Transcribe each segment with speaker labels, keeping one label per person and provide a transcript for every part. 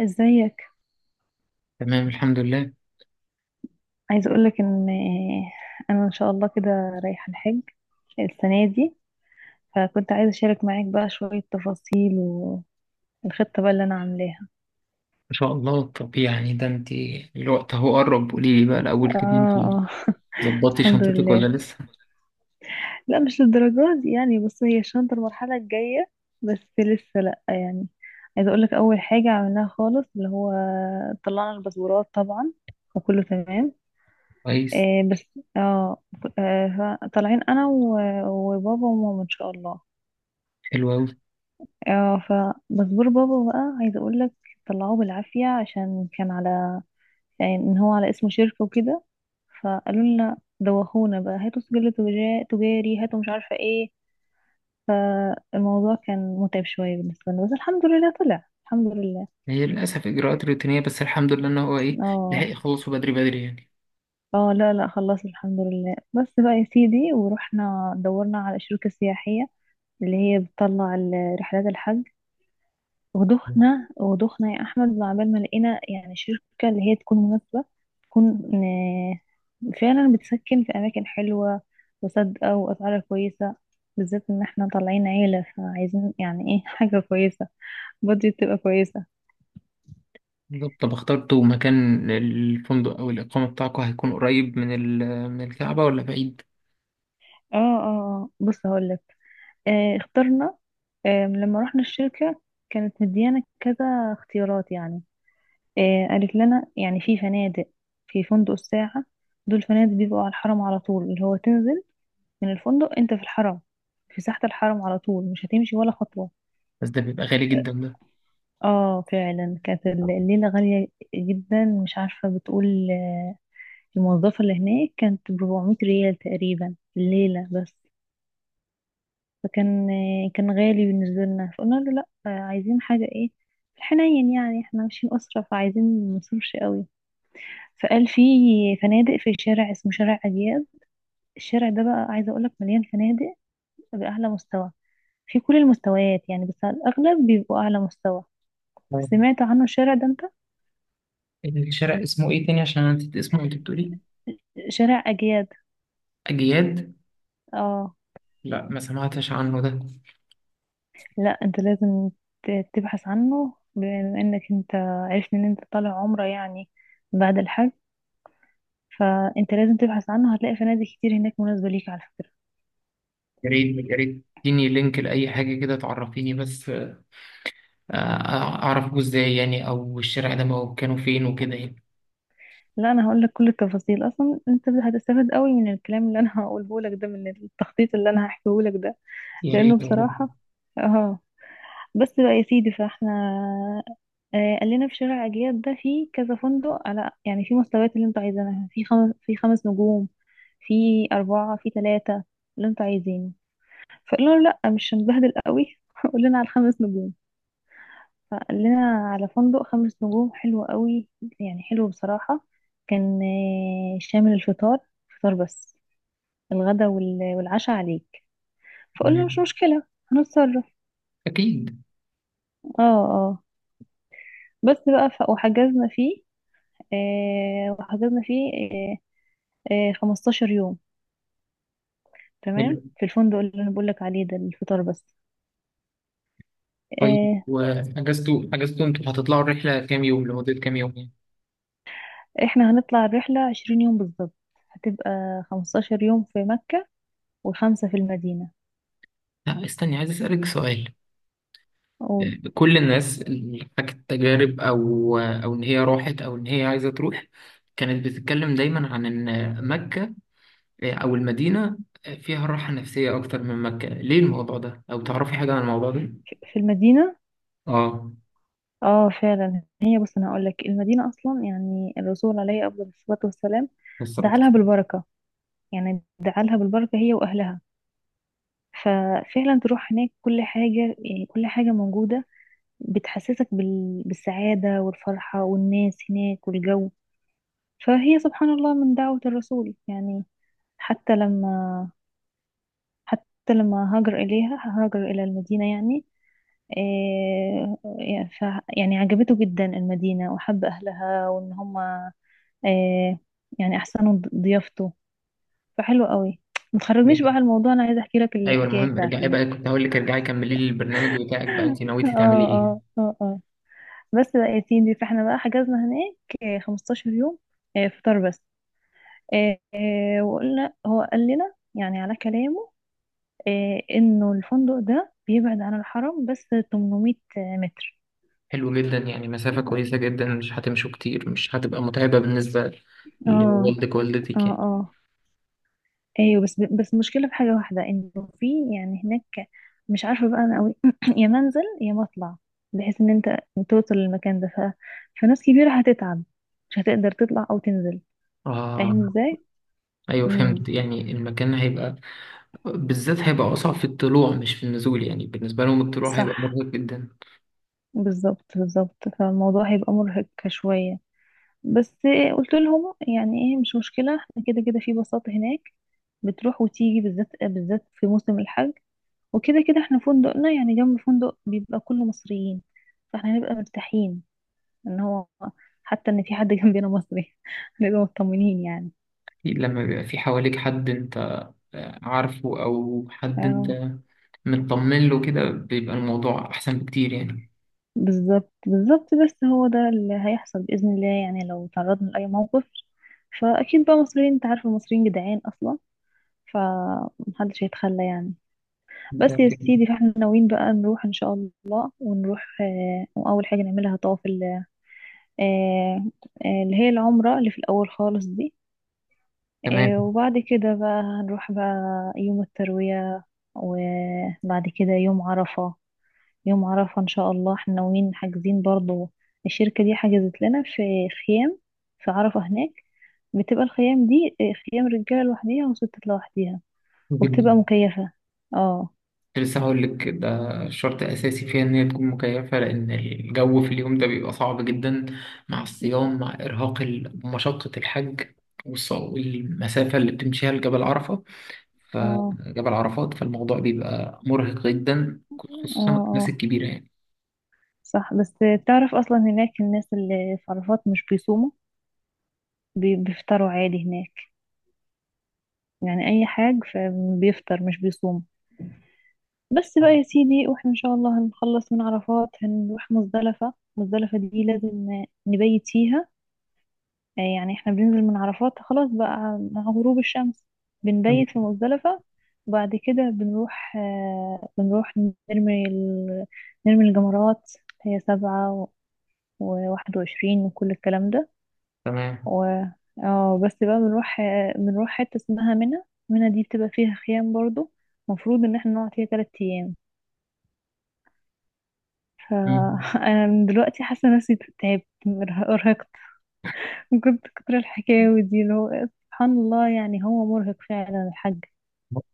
Speaker 1: ازيك؟
Speaker 2: تمام، الحمد لله. ان
Speaker 1: عايزه اقولك ان انا ان شاء الله كده رايحه الحج السنه دي. فكنت عايزه اشارك معاك بقى شويه تفاصيل والخطه بقى اللي انا عاملاها.
Speaker 2: شاء الله. طب يعني ده انت الوقت اهو قرب، قولي لي بقى الاول كده، انت
Speaker 1: اه، اه.
Speaker 2: ظبطتي
Speaker 1: الحمد
Speaker 2: شنطتك ولا
Speaker 1: لله.
Speaker 2: لسه؟
Speaker 1: لا، مش للدرجات دي يعني. بص هي الشنطه المرحله الجايه، بس لسه لا يعني. عايزه اقولك اول حاجه عملناها خالص اللي هو طلعنا الباسبورات طبعا، وكله تمام.
Speaker 2: كويس.
Speaker 1: بس اه طالعين انا وبابا وماما ان شاء الله.
Speaker 2: حلو قوي.
Speaker 1: اه، فمزبور بابا بقى عايزه اقول لك، طلعوه بالعافيه عشان كان على، يعني ان هو على اسمه شركه وكده. فقالوا لنا دوخونا بقى، هاتوا سجل تجاري، هاتوا مش عارفه ايه. فالموضوع كان متعب شويه بالنسبه لنا، بس الحمد لله طلع، الحمد لله.
Speaker 2: هي للاسف اجراءات روتينيه، بس الحمد لله ان هو ايه، لحق
Speaker 1: اه.
Speaker 2: يخلصوا بدري بدري يعني.
Speaker 1: اه، لا لا، خلاص الحمد لله. بس بقى يا سيدي، ورحنا دورنا على شركه سياحيه اللي هي بتطلع رحلات الحج. ودخنا ودخنا يا احمد، وعبال ما لقينا يعني شركه اللي هي تكون مناسبه، تكون فعلا بتسكن في اماكن حلوه وصادقه، واسعارها كويسه، بالذات ان احنا طالعين عيله فعايزين يعني ايه حاجه كويسه، بادجت تبقى كويسه.
Speaker 2: بالظبط. طب اخترتوا مكان الفندق او الاقامه بتاعكم هيكون قريب من من الكعبه ولا بعيد؟
Speaker 1: اه، اه. بص هقول لك. اخترنا. لما رحنا الشركه كانت مديانا كذا اختيارات يعني. قالت لنا يعني في فنادق، في فندق الساعه. دول فنادق بيبقوا على الحرم على طول، اللي هو تنزل من الفندق انت في الحرم، في ساحة الحرم على طول، مش هتمشي ولا خطوة.
Speaker 2: بس ده بيبقى غالي جدا ده.
Speaker 1: اه فعلا كانت الليلة غالية جدا، مش عارفة بتقول الموظفة اللي هناك، كانت بربعمية ريال تقريبا الليلة بس. فكان كان غالي بالنسبة لنا، فقلنا له لا، عايزين حاجة ايه في الحنين، يعني احنا ماشيين أسرة فعايزين منصرفش قوي. فقال في فنادق في شارع اسمه شارع أجياد. الشارع ده بقى عايزة أقولك مليان فنادق بأعلى مستوى، في كل المستويات يعني، بس على الأغلب بيبقوا أعلى مستوى.
Speaker 2: آه.
Speaker 1: سمعت عنه الشارع ده أنت؟
Speaker 2: الشارع اسمه ايه تاني عشان انا نسيت اسمه، انت بتقولي
Speaker 1: شارع أجياد.
Speaker 2: اجياد؟
Speaker 1: اه.
Speaker 2: لا، ما سمعتش عنه ده.
Speaker 1: لا أنت لازم تبحث عنه، بما إنك أنت عرفت إن أنت طالع عمرة يعني بعد الحج. فأنت لازم تبحث عنه، هتلاقي فنادق كتير هناك مناسبة ليك على فكرة.
Speaker 2: يا ريت يا ريت، اديني لينك لأي حاجة كده تعرفيني بس، أعرف جوز إزاي يعني، أو الشارع ده كانوا فين وكده يعني.
Speaker 1: لا أنا هقول لك كل التفاصيل، أصلا أنت هتستفاد قوي من الكلام اللي أنا هقوله لك ده، من التخطيط اللي أنا هحكيه لك ده.
Speaker 2: يا
Speaker 1: لأنه
Speaker 2: ريت والله.
Speaker 1: بصراحة. اه بس بقى يا سيدي، فاحنا قال لنا في شارع أجياد ده في كذا فندق على، يعني في مستويات اللي انتوا عايزينها، في خمس نجوم، في أربعة، في ثلاثة، اللي انتوا عايزينه. فقلنا له لأ مش هنبهدل قوي قول لنا على الخمس نجوم. فقال لنا على فندق خمس نجوم حلو قوي، يعني حلو بصراحة. كان شامل الفطار، فطار بس. الغدا والعشاء عليك. فقلنا مش
Speaker 2: تمام.
Speaker 1: مشكلة، هنتصرف.
Speaker 2: أكيد.
Speaker 1: اه. اه. بس بقى وحجزنا فيه. وحضرنا فيه 15 يوم. تمام.
Speaker 2: حلو.
Speaker 1: في الفندق اللي انا بقول لك عليه ده الفطار بس.
Speaker 2: طيب،
Speaker 1: آه
Speaker 2: وأجازتوا أنتوا هتطلعوا الرحلة كام يوم، لمدة كام يوم يعني؟
Speaker 1: احنا هنطلع الرحلة 20 يوم بالظبط. هتبقى 15 يوم في مكة، وخمسة في المدينة
Speaker 2: لا استني، عايز أسألك سؤال.
Speaker 1: و-
Speaker 2: كل الناس اللي حكت تجارب أو إن هي راحت أو إن هي عايزة تروح كانت بتتكلم دايما عن إن مكة أو المدينة فيها راحة نفسية أكتر من مكة، ليه الموضوع ده؟ أو تعرفي حاجة عن الموضوع ده؟
Speaker 1: في المدينة.
Speaker 2: آه،
Speaker 1: اه فعلا هي، بص انا هقول لك المدينة اصلا يعني الرسول عليه افضل الصلاة والسلام
Speaker 2: الصلاة
Speaker 1: دعالها
Speaker 2: والسلام.
Speaker 1: بالبركة، يعني دعالها بالبركة هي واهلها. ففعلا تروح هناك كل حاجة يعني، كل حاجة موجودة بتحسسك بالسعادة والفرحة، والناس هناك والجو. فهي سبحان الله من دعوة الرسول يعني. حتى لما حتى لما هاجر إليها، هاجر إلى المدينة، يعني إيه يعني يعني عجبته جدا المدينة، وحب أهلها وإن هما إيه، يعني أحسنوا ضيافته. فحلو قوي. ما تخرجنيش بقى على الموضوع، أنا عايزة أحكي لك
Speaker 2: أيوه،
Speaker 1: الحكاية
Speaker 2: المهم ارجعي
Speaker 1: بتاعتي.
Speaker 2: بقى، كنت هقول لك ارجعي كملي لي البرنامج بتاعك بقى، أنت
Speaker 1: اه،
Speaker 2: نويتي تعملي إيه؟
Speaker 1: اه، اه، اه. بس بقى يا سيدي فاحنا بقى حجزنا هناك 15 يوم، فطار بس. وقلنا هو قال لنا يعني على كلامه انه الفندق ده بيبعد عن الحرم بس 800 متر.
Speaker 2: حلو جدا، يعني مسافة كويسة جدا، مش هتمشوا كتير، مش هتبقى متعبة بالنسبة
Speaker 1: اه،
Speaker 2: لوالدك ووالدتك
Speaker 1: اه،
Speaker 2: يعني.
Speaker 1: اه. ايوه، بس المشكله في حاجه واحده، انه في يعني هناك، مش عارفه بقى انا قوي. يا منزل يا مطلع، بحيث ان انت توصل للمكان ده فناس كبيره هتتعب، مش هتقدر تطلع او تنزل،
Speaker 2: آه.
Speaker 1: فاهم ازاي؟
Speaker 2: أيوه
Speaker 1: امم.
Speaker 2: فهمت، يعني المكان هيبقى بالذات هيبقى أصعب في الطلوع مش في النزول، يعني بالنسبة لهم الطلوع هيبقى
Speaker 1: صح،
Speaker 2: مرهق جدا.
Speaker 1: بالظبط بالظبط، فالموضوع هيبقى مرهق شويه بس. قلت لهم يعني ايه مش مشكلة، احنا كده كده في بساطة هناك، بتروح وتيجي بالذات بالذات في موسم الحج. وكده كده احنا فندقنا يعني جنب فندق بيبقى كله مصريين، فاحنا هنبقى مرتاحين. ان هو حتى ان في حد جنبنا مصري هنبقى مطمنين يعني.
Speaker 2: لما بيبقى في حواليك حد أنت عارفه، أو حد
Speaker 1: اه،
Speaker 2: أنت مطمن له كده، بيبقى الموضوع أحسن بكتير يعني.
Speaker 1: بالظبط بالظبط. بس هو ده اللي هيحصل بإذن الله، يعني لو تعرضنا لأي موقف فأكيد بقى مصريين، انت عارفة المصريين جدعان أصلا، فمحدش هيتخلى يعني.
Speaker 2: ده
Speaker 1: بس يا
Speaker 2: كده.
Speaker 1: سيدي فاحنا ناويين بقى نروح ان شاء الله، ونروح واول حاجه نعملها طواف آه اللي هي العمره اللي في الاول خالص دي.
Speaker 2: تمام.
Speaker 1: وبعد كده بقى هنروح بقى يوم الترويه، وبعد كده يوم عرفه. يوم عرفه ان شاء الله احنا ناويين، حاجزين برضو، الشركه دي حجزت لنا في خيام في عرفه هناك. بتبقى الخيام دي خيام رجاله لوحديها وستات لوحديها،
Speaker 2: حلو
Speaker 1: وبتبقى
Speaker 2: جدا.
Speaker 1: مكيفه. اه،
Speaker 2: كنت لسه هقول لك ده، شرط أساسي فيها إن هي تكون مكيفة، لأن الجو في اليوم ده بيبقى صعب جدا، مع الصيام، مع إرهاق مشقة الحج، والمسافة اللي بتمشيها لجبل عرفة،
Speaker 1: اه،
Speaker 2: فجبل عرفات، فالموضوع بيبقى مرهق جدا،
Speaker 1: اه،
Speaker 2: خصوصا الناس
Speaker 1: اه.
Speaker 2: الكبيرة يعني.
Speaker 1: صح، بس تعرف اصلا هناك الناس اللي في عرفات مش بيصوموا، بيفطروا عادي هناك، يعني اي حاجة، فبيفطر مش بيصوم. بس بقى
Speaker 2: آه،
Speaker 1: يا سيدي، واحنا ان شاء الله هنخلص من عرفات هنروح مزدلفة. مزدلفة دي لازم نبيت فيها. يعني احنا بننزل من عرفات خلاص بقى مع غروب الشمس،
Speaker 2: تمام
Speaker 1: بنبيت في مزدلفة. وبعد كده بنروح نرمي ال... نرمي الجمرات. هي سبعة و21، وكل الكلام ده.
Speaker 2: تمام.
Speaker 1: و اه بس بقى بنروح حتة اسمها منى. منى دي بتبقى فيها خيام برضو، المفروض ان احنا نقعد فيها تلات ايام.
Speaker 2: مم.
Speaker 1: فانا من دلوقتي حاسة نفسي تعبت، ارهقت. كنت كتر الحكاوي دي اللي هو سبحان الله، يعني هو مرهق فعلا الحاج.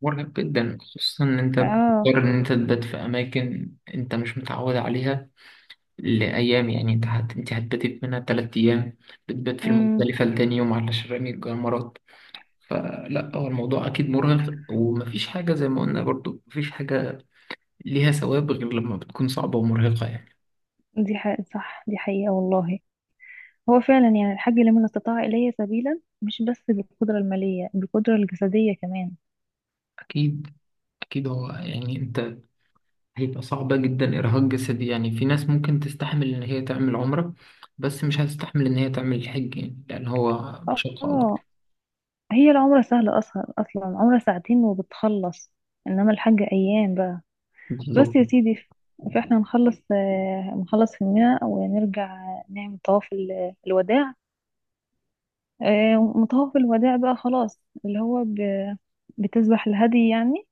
Speaker 2: مرهق جدا، خصوصا ان انت
Speaker 1: اه.
Speaker 2: بتضطر ان انت تبات في اماكن انت مش متعود عليها لايام، يعني انت انت هتبات منها تلات ايام، بتبات في
Speaker 1: امم.
Speaker 2: المختلفه لتاني يوم على شرامي الجمرات. فلا، هو الموضوع اكيد مرهق، ومفيش حاجه زي ما قلنا برضو مفيش حاجه ليها ثواب غير لما بتكون صعبه ومرهقه يعني.
Speaker 1: دي حقيقة، صح، دي حقيقة والله. هو فعلا يعني الحاج لمن استطاع إليه سبيلا، مش بس بالقدرة المالية، بالقدرة الجسدية كمان.
Speaker 2: اكيد. اكيد. هو يعني انت هيبقى صعبه جدا، ارهاق جسدي يعني، في ناس ممكن تستحمل ان هي تعمل عمره، بس مش هتستحمل ان هي تعمل الحج يعني، لان هو مشقه
Speaker 1: اه.
Speaker 2: اكبر.
Speaker 1: هي العمرة سهلة أصلا، أصلا عمرة ساعتين وبتخلص، إنما الحج أيام بقى. بس
Speaker 2: بالظبط.
Speaker 1: يا سيدي فإحنا نخلص هنا ونرجع، نعمل طواف الوداع. وطواف الوداع بقى خلاص اللي هو بتذبح الهدي يعني.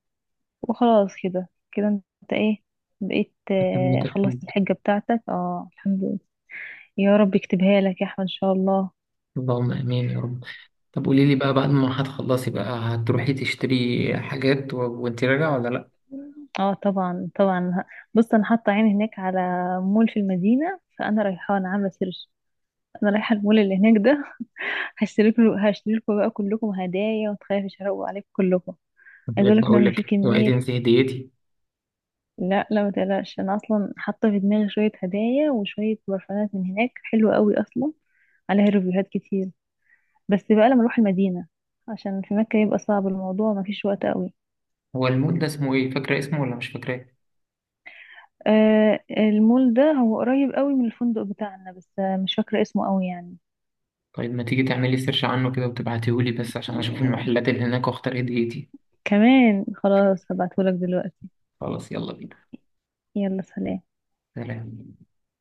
Speaker 1: وخلاص كده كده أنت إيه بقيت،
Speaker 2: تمت الحج.
Speaker 1: خلصت الحجة بتاعتك. اه الحمد لله. يا رب يكتبها لك يا أحمد إن شاء الله.
Speaker 2: اللهم امين يا رب. طب قولي لي بقى، بعد ما هتخلصي بقى هتروحي تشتري حاجات وانت راجعه ولا لا؟
Speaker 1: اه، طبعا طبعا. بص انا حاطه عيني هناك على مول في المدينه، فانا رايحه، انا عامله سيرش، انا رايحه المول اللي هناك ده. هشتري لكم بقى كلكم هدايا، وتخافي اشرقوا عليكم كلكم.
Speaker 2: كنت
Speaker 1: عايز اقول
Speaker 2: لسه
Speaker 1: لك ان
Speaker 2: هقول
Speaker 1: انا في
Speaker 2: لك اوعي
Speaker 1: كميه.
Speaker 2: تنسي هديتي.
Speaker 1: لا لا ما تقلقش، انا اصلا حاطه في دماغي شويه هدايا وشويه برفانات من هناك حلوه قوي اصلا، عليها ريفيوهات كتير. بس بقى لما اروح المدينه، عشان في مكه يبقى صعب الموضوع، ما فيش وقت قوي.
Speaker 2: هو المول ده اسمه ايه، فاكره اسمه ولا مش فاكراه؟
Speaker 1: المول ده هو قريب قوي من الفندق بتاعنا، بس مش فاكره اسمه قوي يعني.
Speaker 2: طيب ما تيجي تعملي سيرش عنه كده وتبعتيهولي بس عشان اشوف المحلات اللي هناك واختار هديتي.
Speaker 1: كمان خلاص، هبعتهولك دلوقتي.
Speaker 2: خلاص، يلا بينا.
Speaker 1: يلا سلام.
Speaker 2: سلام.